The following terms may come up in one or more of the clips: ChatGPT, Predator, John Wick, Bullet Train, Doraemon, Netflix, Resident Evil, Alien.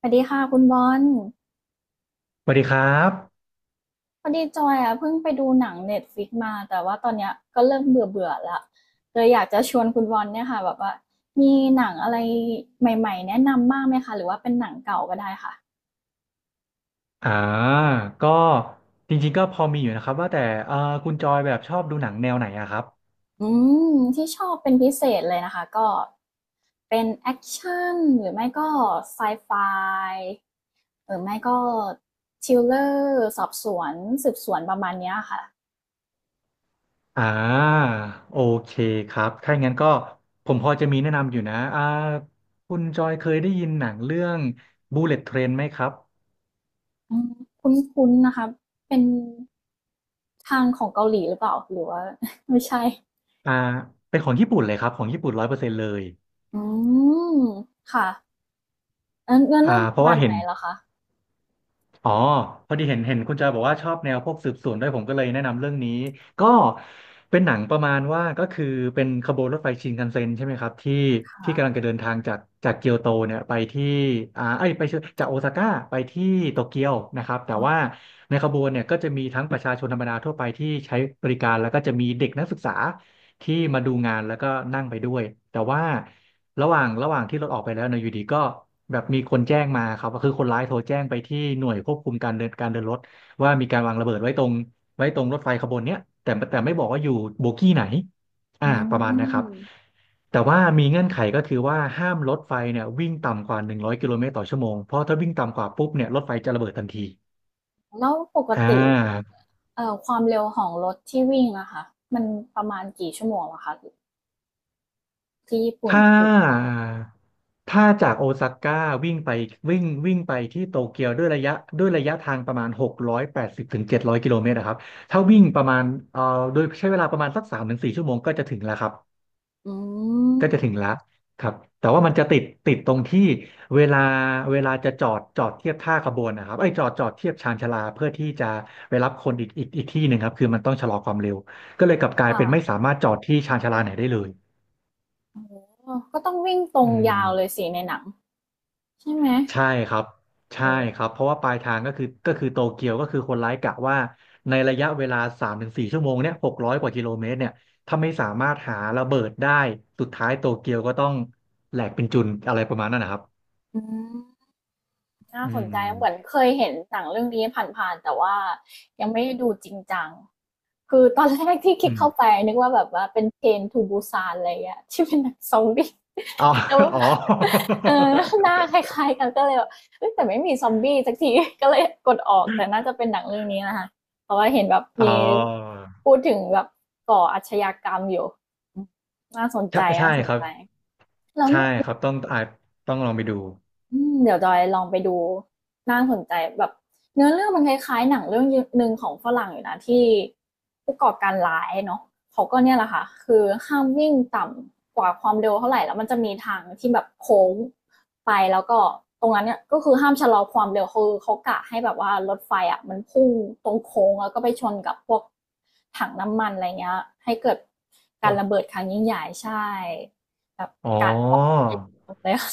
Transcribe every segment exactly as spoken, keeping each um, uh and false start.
สวัสดีค่ะคุณบอลสวัสดีครับพอดีจอยอ่ะเพิ่งไปดูหนังเน็ตฟลิกมาแต่ว่าตอนเนี้ยก็เริ่มเบื่อเบื่อละเลยอยากจะชวนคุณบอลเนี่ยค่ะแบบว่ามีหนังอะไรใหม่ๆแนะนำบ้างไหมคะหรือว่าเป็นหนังเก่าก็ได้ค่ะอ่าก็จริงๆ ก็พอมีอยู่นะครับว่าแต่เอ่อคุณจอยแบบชอบดูหนังแนวไหนอะครับอืมที่ชอบเป็นพิเศษเลยนะคะก็เป็นแอคชั่นหรือไม่ก็ไซไฟหรือไม่ก็ทริลเลอร์สอบสวนสืบสวนประมาณเนี้ยค่ะ อ่าโอเคครับถ้าอย่างนั้นก็ผมพอจะมีแนะนำอยู่นะอ่าคุณจอยเคยได้ยินหนังเรื่อง Bullet Train ไหมครับอืมคุ้นๆนะคะเป็นทางของเกาหลีหรือเปล่าหรือว่า ไม่ใช่ อ่าเป็นของญี่ปุ่นเลยครับของญี่ปุ่นร้อยเปอร์เซ็นต์เลยอืม ค่ะเอ่อเนื้อเรื่อ่าองปเพระราะมาว่าณเห็ไหนน เหรอคะ อ๋อพอดีเห็นเห็นคุณจอยบอกว่าชอบแนวพวกสืบสวนด้วยผมก็เลยแนะนำเรื่องนี้ก็เป็นหนังประมาณว่าก็คือเป็นขบวนรถไฟชินคันเซ็นใช่ไหมครับที่ที่ค่ะ กำลังจะเดินทางจากจากเกียวโตเนี่ยไปที่อ่าไอ้ยไปเชิญจากโอซาก้าไปที่โตเกียวนะครับแต่อว่าในขบวนเนี่ยก็จะมีทั้งประชาชนธรรมดาทั่วไปที่ใช้บริการแล้วก็จะมีเด็กนักศึกษาที่มาดูงานแล้วก็นั่งไปด้วยแต่ว่า ระหว่างระหว่างที่รถออกไปแล้วเนยอยู่ดีก็แบบมีคนแจ้งมาครับก็คือคนร้ายโทรแจ้งไปที่หน่วยควบคุมการเดินการเดินรถว่ามีการวางระเบิดไว้ตรงไว้ตรงรถไฟขบวนเนี้ยแต่แต่ไม่บอกว่าอยู่โบกี้ไหนือ่าประมาณนะครับม แต่ว่ามีเงื่อนไขก็คือว่าห้ามรถไฟเนี่ยวิ่งต่ำกว่าหนึ่งร้อยกิโลเมตรต่อชั่วโมงเพราะถ้าวิ่งต่ำกว่าปุ๊บเนี่ยรถไฟจะระเบิดทันทีแล้วปกอ่ติา เอ่อความเร็วของรถที่วิ่งอะค่ะมันประมาณกี่ชั่วโมงเหรอะคะที่ญี่ปุ่น ถ้าอือถ้าจากโอซาก้าวิ่งไปวิ่งวิ่งไปที่โตเกียวด้วยระยะด้วยระยะทางประมาณหกร้อยแปดสิบถึงเจ็ดร้อยกิโลเมตรนะครับถ้าวิ่งประมาณเอ่อโดยใช้เวลาประมาณสักสามถึงสี่ชั่วโมงก็จะถึงแล้วครับอืก็จะถึงแล้วมครับแต่ว่ามันจะติดติดตรงที่เวลาเวลาจะจอดจอดเทียบท่าขบวนนะครับไอ้ยจอดจอดเทียบชานชาลาเพื่อที่จะไปรับคนอีกอีกอีกที่หนึ่งครับคือมันต้องชะลอความเร็วก็เลยกลับกลายค่ะเป็นไม่สามารถจอดที่ชานชาลาไหนได้เลยออก็ต้องวิ่งตรอืงยาวเลยม สิในหนังใช่ไหมใช่ครับโอใช่ค้รับเพราะว่าปลายทางก็คือก็คือโตเกียวก็คือคนร้ายกะว่าในระยะเวลาสามถึงสี่ชั่วโมงเนี่ยหกร้อยกว่ากิโลเมตรเนี่ยถ้าไม่สามารถหาระเบิดได้สุดท้ายโตเกียวก็ต้องแหลกเป็นจุนอะไรประมาณนั้นนะครับอืม น่าอืสนใจเหมือนมเคยเห็นหนังเรื่องนี้ผ่านๆแต่ว่ายังไม่ได้ดูจริงจังคือตอนแรกที่คลิอืกเข้าไปมนึกว่าแบบว่าเป็นเทรนทูบูซานอะไรอะที่เป็นหนังซอมบี้ อ๋อแต่ว่าอ๋อเออหน้าคล้ายๆกันก็เลยแบบเอยแต่ไม่มีซอมบี้สักที ก็เลยกดออกแต่น่าจะเป็นหนังเรื่องนี้นะคะเพราะว่าเห็นแบบอ๋มีอพูดถึงแบบก่ออาชญากรรมอยู่น่าสนใจใช่ใช่น่าสนครับใจแล้ว ใช่ครับต้องอ่าต้องลองไปดูอืมเดี๋ยวจอยลองไปดูน่าสนใจแบบเนื้อเรื่องมันคล้ายๆหนังเรื่องหนึ่งของฝรั่งอยู่นะที่ผู้ก่อการร้ายเนาะเขาก็เนี่ยแหละค่ะคือห้ามวิ่งต่ำกว่าความเร็วเท่าไหร่แล้วมันจะมีทางที่แบบโค้งไปแล้วก็ตรงนั้นเนี่ยก็คือห้ามชะลอความเร็วคือเขากะให้แบบว่ารถไฟอ่ะมันพุ่งตรงโค้งแล้วก็ไปชนกับพวกถังน้ำมันอะไรเงี้ยให้เกิดการระเบิดครั้งยิ่งใหญ่ใช่แบบอ๋อกะ ป้องกันเลยค่ะ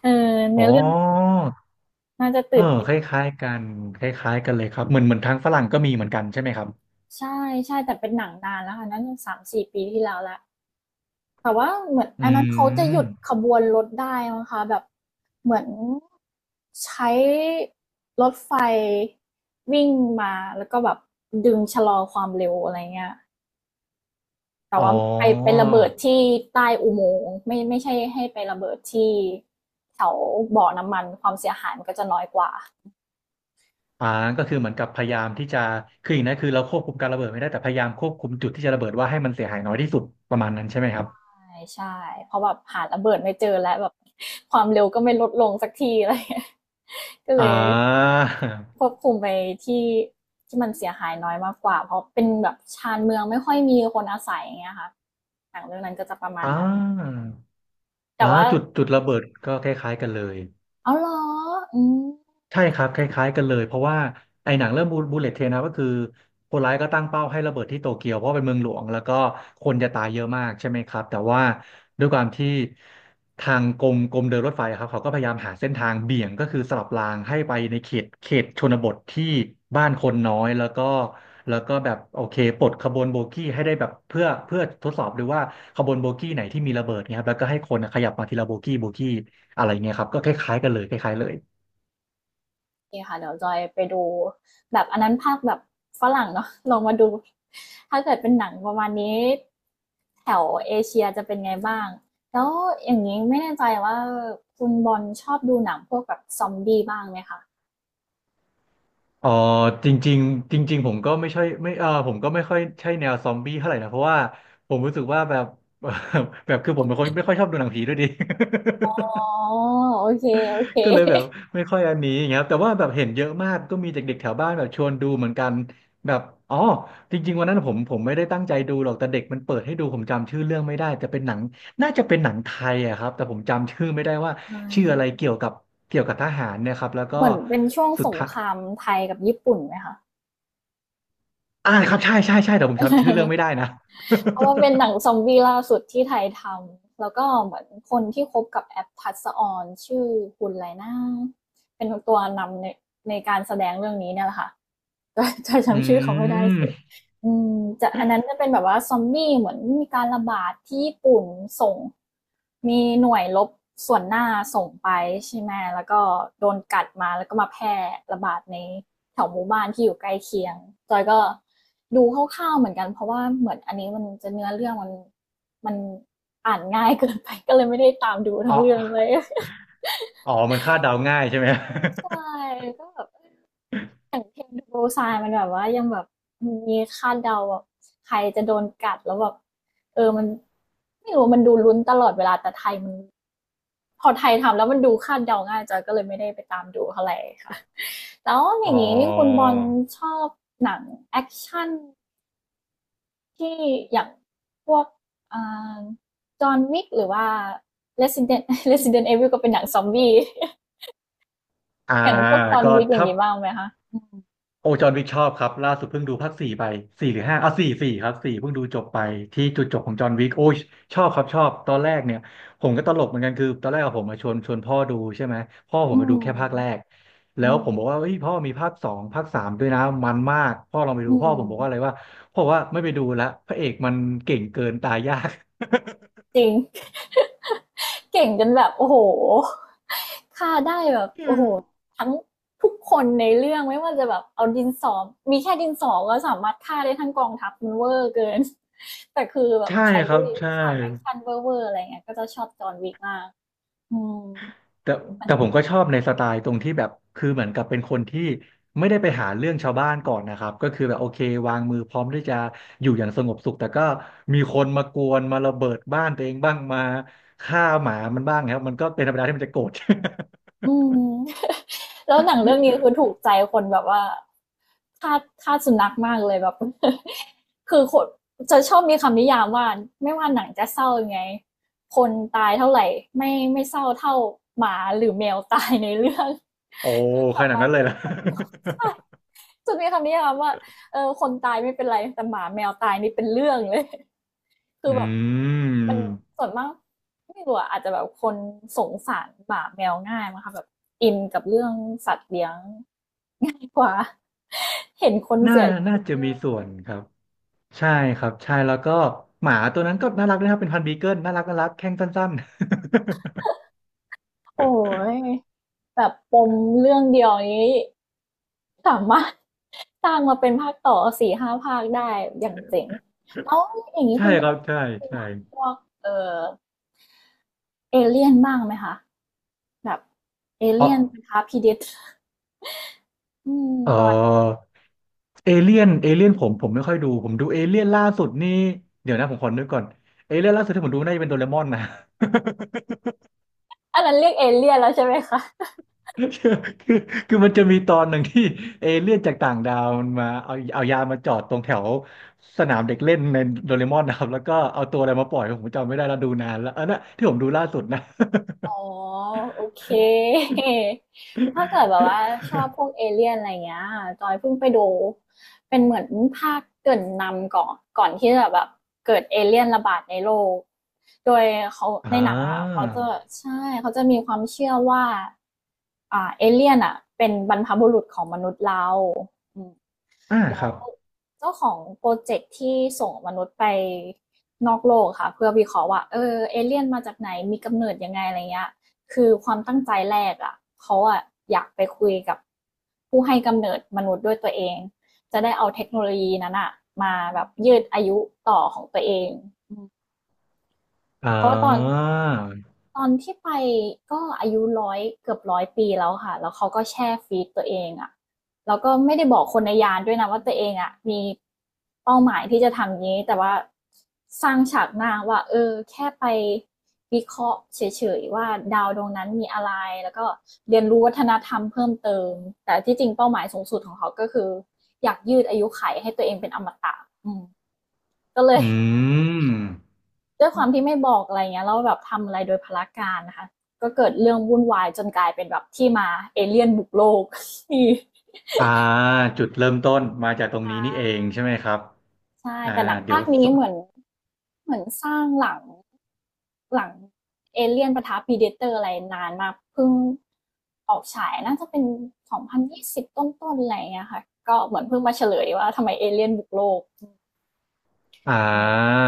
เอออ๋เนื้ออ เรื่องน่าจะเออตื่นเต้คนล้ายๆกันคล้ายๆกันเลยครับเหมือนเหมือนทางฝรั่งก็มีเหมือนกันใช่ไหมครับใช่ใช่แต่เป็นหนังนานแล้วค่ะน่าจะสามสี่ปีที่แล้วและแต่ว่าเหมือนอือันนั้นเขาจะหยุดขมบวนรถได้มั้งคะแบบเหมือนใช้รถไฟวิ่งมาแล้วก็แบบดึงชะลอความเร็วอะไรเงี้ยแต่อ๋อว่าไปไประเบิดที่ใต้อุโมงค์ไม่ไม่ใช่ให้ไประเบิดที่แถวบ่อน้ำมันความเสียหายมันก็จะน้อยกว่าอ่าก็คือเหมือนกับพยายามที่จะคืออย่างนั้นคือเราควบคุมการระเบิดไม่ได้แต่พยายามควบคุมจุดที่จะระเบิดว่าให้มันเสียหายน้อยที่สุดประมาณนั้นใช่ไหมครับ่ใช่ เพราะแบบหาระเบิดไม่เจอแล้วแบบความเร็วก็ไม่ลดลงสักทีอะไรเงี้ย ก็เลอ่ยาควบคุมไปที่ที่มันเสียหายน้อยมากกว่าเพราะเป็นแบบชานเมืองไม่ค่อยมีคนอาศัยอย่างเงี้ยค่ะหนังเรื่องนั้นก็จะประมาณอ่านั้น แต่อ่าว่าจุดจุดระเบิดก็คล้ายๆกันเลย เอาวเหรออืม ใช่ครับคล้ายๆกันเลยเพราะว่าไอ้หนังเรื่องบูเลตเทรนนะก็คือคนร้ายก็ตั้งเป้าให้ระเบิดที่โตเกียวเพราะเป็นเมืองหลวงแล้วก็คนจะตายเยอะมากใช่ไหมครับแต่ว่าด้วยความที่ทางกรมกรมเดินรถไฟครับเขาก็พยายามหาเส้นทางเบี่ยงก็คือสลับรางให้ไปในเขตเขตชนบทที่บ้านคนน้อยแล้วก็แล้วก็แบบโอเคปลดขบวนโบกี้ให้ได้แบบเพื่อเพื่อทดสอบดูว่าขบวนโบกี้ไหนที่มีระเบิดเนี่ยครับแล้วก็ให้คนขยับมาทีละโบกี้โบกี้อะไรเงี้ยครับก็คล้ายๆกันเลยคล้ายๆเลย เคค่ะเดี๋ยวจอยไปดูแบบอันนั้นภาคแบบฝรั่งเนาะ ลองมาดูถ้าเกิดเป็นหนังประมาณนี้แถวเอเชียจะเป็นไงบ้างแล้วอย่างนี้ไม่แน่ใจว่าคุณบอลชอบดูหนังพวกแบบซอมบี้บ้างไหมคะเออจริงๆจริงๆผมก็ไม่ใช่ไม่เออผมก็ไม่ค่อยใช่แนวซอมบี้เท่าไหร่นะเพราะว่าผมรู้สึกว่าแบบ แบบคือผมเป็นคนไม่ค่อยชอบดูหนังผีด้วยดิ อ๋อ โอเคโอเคก็เลยแบบไม่ค่อยอันนี้อย่างเงี้ยครับแต่ว่าแบบเห็นเยอะมากก็มีเด็กๆแถวบ้านแบบชวนดูเหมือนกันแบบอ๋อจริงๆวันนั้นผมผมไม่ได้ตั้งใจดูหรอกแต่เด็กมันเปิดให้ดูผมจำชื่อเรื่องไม่ได้แต่เป็นหนังน่าจะเป็นหนังไทยอะครับแต่ผมจำชื่อไม่ได้ว่าเชื่ออะไรหเกี่ยวกับเกี่ยวกับทหารเนะครับแล้วก็มือนเป็นช่วงสุสดงท้าย ครามไทยกับญี่ปุ่นไหมคะ อ่าครับใช่ใช่ใช่แต่ผมจำชื่อเรื่องไม่ได้ นะ เพราะว่าเป็นหนังซ อมบี้ล่าสุดที่ไทยทำ แล้วก็เหมือนคนที่คบกับแอปทัศออนชื่อคุณไรนาเป็นตัวนำในในการแสดงเรื่องนี้เนี่ยแหละค่ะ จำจำอืจำชื่อเขาไม่ได้สิมอืมจะอันนั้นจะเป็นแบบว่าซอมบี้เหมือนมีการระบาดที่ญี่ปุ่นส่งมีหน่วยรบส่วนหน้าส่งไปใช่ไหมแล้วก็โดนกัดมาแล้วก็มาแพร่ระบาดในแถวหมู่บ้านที่อยู่ใกล้เคียงจอยก็ดูคร่าวๆเหมือนกันเพราะว่าเหมือนอันนี้มันจะเนื้อเรื่องมันมันอ่านง่ายเกินไป ก็เลยไม่ได้ตามดูทั้อ๋งเรื่องเลอย อ๋อ มันคาดเดาง่ายใช่ไหม ใช่ก็แบบ อย่างเพลงดูโซายมันแบบว่ายังแบบมีคาดเดาแบบใครจะโดนกัดแล้วแบบเออมันไม่รู้มันดูลุ้นตลอดเวลาแต่ไทยมันพอไทยทำแล้วมันดูคาดเดาง่ายจอยก็เลยไม่ได้ไปตามดูเท่าไหร่ค่ะแล้วอ อ๋ย่างอ นี้คุณบอลชอบหนังแอคชั่นที่อย่างพวกอ่าจอห์นวิกหรือว่า Resident เรสซิเดนต์ อีวิล ก็เป็นหนังซอมบี้ อ่า อย่างพวกจอห์นก็วิกอย่างถ้า นี้บ้างไหมคะโอจอร์นวิกชอบครับล่าสุดเพิ่งดูภาคสี่ไปสี่หรือห้าอ่ะสี่สี่ครับสี่เพิ่งดูจบไปที่จุดจบของจอห์นวิกโอ้ยชอบครับชอบตอนแรกเนี่ยผมก็ตลกเหมือนกันคือตอนแรกอะผมมาชวนชวนพ่อดูใช่ไหมพ่อผมมาดูแค่ภาคแรกอืแล้วมอืมผมบอกว่าเฮ้ยพ่อมีภาคสองภาคสามด้วยนะมันมากพ่อลองไปดูอืพ่อม ผมบอกว่าอะไรว่าพ่อบอกว่าไม่ไปดูละพระเอกมันเก่งเกินตายยาก จริง เก่งจนแบบโอ้โหฆ่าได้แบบโอ้โหทั้งทุกคนในเรื่องไม่ว่าจะแบบเอาดินสอมีแค่ดินสอก็สามารถฆ่าได้ทั้งกองทัพมันเวอร์เกิน แต่คือแบบใช่ใครครับที่ใช่ ฉากแอคชั่นเวอร์ๆอะไรเงี้ยก็จะชอบจอห์นวิกมากอืมแต่แต่ผมก็ชอบในสไตล์ตรงที่แบบคือเหมือนกับเป็นคนที่ไม่ได้ไปหาเรื่องชาวบ้านก่อนนะครับก็คือแบบโอเควางมือพร้อมที่จะอยู่อย่างสงบสุขแต่ก็มีคนมากวนมาระเบิดบ้านตัวเองบ้างมาฆ่าหมามันบ้างครับมันก็เป็นธรรมดาที่มันจะโกรธ อืม แล้วหนังเรื่องนี้คือถูกใจคนแบบว่าทาสทาสสุนัขมากเลยแบบ คือคนจะชอบมีคำนิยามว่าไม่ว่าหนังจะเศร้ายังไงคนตายเท่าไหร่ไม่ไม่เศร้าเท่าหมาหรือแมวตายในเรื่อง โอ้ คือขสานาดมารถนั้นเลปยลุกล่ะ คน ใช่จะมีคำนิยามว่าเออคนตายไม่เป็นไรแต่หมาแมวตายนี่เป็นเรื่องเลย คือือแบบม มัน ส่วนมากไม่รู้อะอาจจะแบบคนสงสารหมาแมวง่ายมั้งคะแบบอินกับเรื่องสัตว์เลี้ยงง่ายกว่า เห็นคนน่าเสียชีน่าวิจะตมีส่วนครับใช่ครับใช่แล้วก็หมาตัวนั้นก็น่ารักนะครับเป็นพันธุ์บีเกิลน่ารักน่ารักแข้งสั้นโอ้ยแบบปมเรื่องเดียวนี้สามารถสร้างมาเป็นภาคต่อสี่ห้าภาคได้อย่างเจ๋งแล้วๆ อย่าง นี้ใช่คุณบคอรัยบใช่ดูหใช่นังพวกเออเอเลี่ยนบ้างไหมคะแบบเออ๋อ เลี่ยนนะคะพีเดตอืมเประมาณออเอเลี่ยนเอเลี่ยนผมผมไม่ค่อยดูผมดูเอเลี่ยนล่าสุดนี่เดี๋ยวนะผมขอนึกก่อนเอเลี่ยนล่าสุดที่ผมดูน่าจะเป็นโดเรมอนนะ อันนั้นเรียกเอเลี่ยนแล้วใช่ไหมคะ คือคือคือมันจะมีตอนหนึ่งที่เอเลี่ยนจากต่างดาวมันมาเอาเอายามาจอดตรงแถวสนามเด็กเล่นในโดเรมอนนะครับแล้วก็เอาตัวอะไรมาปล่อยผมจำไม่ได้แล้วดูนานแล้วอันนั้นที่ผมดูล่าสุดนะ อ๋อโอเค ถ้าเกิดแบบว่าชอบพวกเอเลี่ยนอะไรเงี้ยจอยเพิ่งไปดูเป็นเหมือนภาคเกริ่นนำก่อนก่อนที่จะแบบเกิดเอเลี่ยนระบาดในโลกโดยเขาอ่ในหนังอะค่ะเขาจะาใช่เขาจะมีความเชื่อว่าอ่าเอเลี่ยนอ่ะเป็นบรรพบุรุษของมนุษย์เราอืม อ่าคแล้วรับเจ้าของโปรเจกต์ที่ส่งมนุษย์ไปนอกโลกค่ะเพื่อวิเคราะห์ว่าเออเอเลี่ยนมาจากไหนมีกำเนิดยังไงอะไรเงี้ยคือความตั้งใจแรกอ่ะเขาอ่ะอยากไปคุยกับผู้ให้กำเนิดมนุษย์ด้วยตัวเองจะได้เอาเทคโนโลยีนั้นอ่ะมาแบบยืดอายุต่อของตัวเองอ่เพราะว่าตอน าตอนที่ไปก็อายุหนึ่งร้อยเกือบหนึ่งร้อยปีแล้วค่ะแล้วเขาก็แช่ฟีดตัวเองอะแล้วก็ไม่ได้บอกคนในยานด้วยนะว่าตัวเองอะมีเป้าหมายที่จะทำนี้แต่ว่าสร้างฉากหน้าว่าเออแค่ไปวิเคราะห์เฉยๆว่าดาวดวงนั้นมีอะไรแล้วก็เรียนรู้วัฒนธรรมเพิ่มเติมแต่ที่จริงเป้าหมายสูงสุดของเขาก็คืออยากยืดอายุไขให้ตัวเองเป็นอมตะอืมก็เลย อืม ด้วยความที่ไม่บอกอะไรเงี้ยแล้วแบบทำอะไรโดยพลการนะคะก็เกิดเรื่องวุ่นวายจนกลายเป็นแบบที่มาเอเลี่ยนบุกโลก นี่อ่าจุดเริ่มต้นมาจากตรงนี้นี่เองใช่ไหมครับใช่อ่าแต่หนังเดี๋ยภาวคสนี้เหมือนเหมือนสร้างหลังหลังเอเลี่ยนปะทะพีเดเตอร์อะไรนานมากเพิ่งออกฉายน่าจะเป็นสองพันยี่สิบต้นๆอะไรเงี้ยค่ะก็เหมือนเพิ่งมาเฉลยว่าทำไมเอเลี่ยนบุกโลกอ่ยังไง า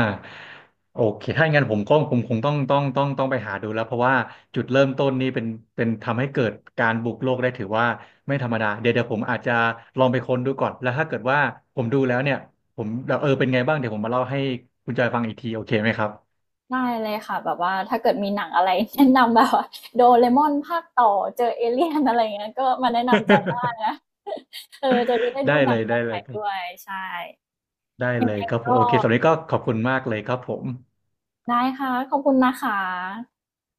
โอเคถ้าอย่างนั้นผมก็ผมคงต้องต้องต้องต้องไปหาดูแล้วเพราะว่าจุดเริ่มต้นนี่เป็นเป็นทำให้เกิดการบุกโลกได้ถือว่าไม่ธรรมดาเดี๋ยวเดี๋ยวผมอาจจะลองไปค้นดูก่อนแล้วถ้าเกิดว่าผมดูแล้วเนี่ยผมเออเป็นไงบ้างเดี๋ยวผมมาเล่าให้คุณจอยฟังอีกทีโอเคไหมครับ ได้เลยค่ะแบบว่าถ้าเกิดมีหนังอะไร แนะนำแบบว่า ดี โอ อาร์ เอ อี ภาคต่อเจอเอเลี่ยนอะไรอย่างเงี้ยก็มาแนะนำจอยได้นะ เออจอยจะได้ ได้ดูหนัเลงยแนได้วใหเลม่ยครัด้วบยใช่ได้เลยครับผมก็โอเคสำหรับวันนี้ก็ขอบคุณมากเลยครับผมได้ค่ะขอบคุณนะคะ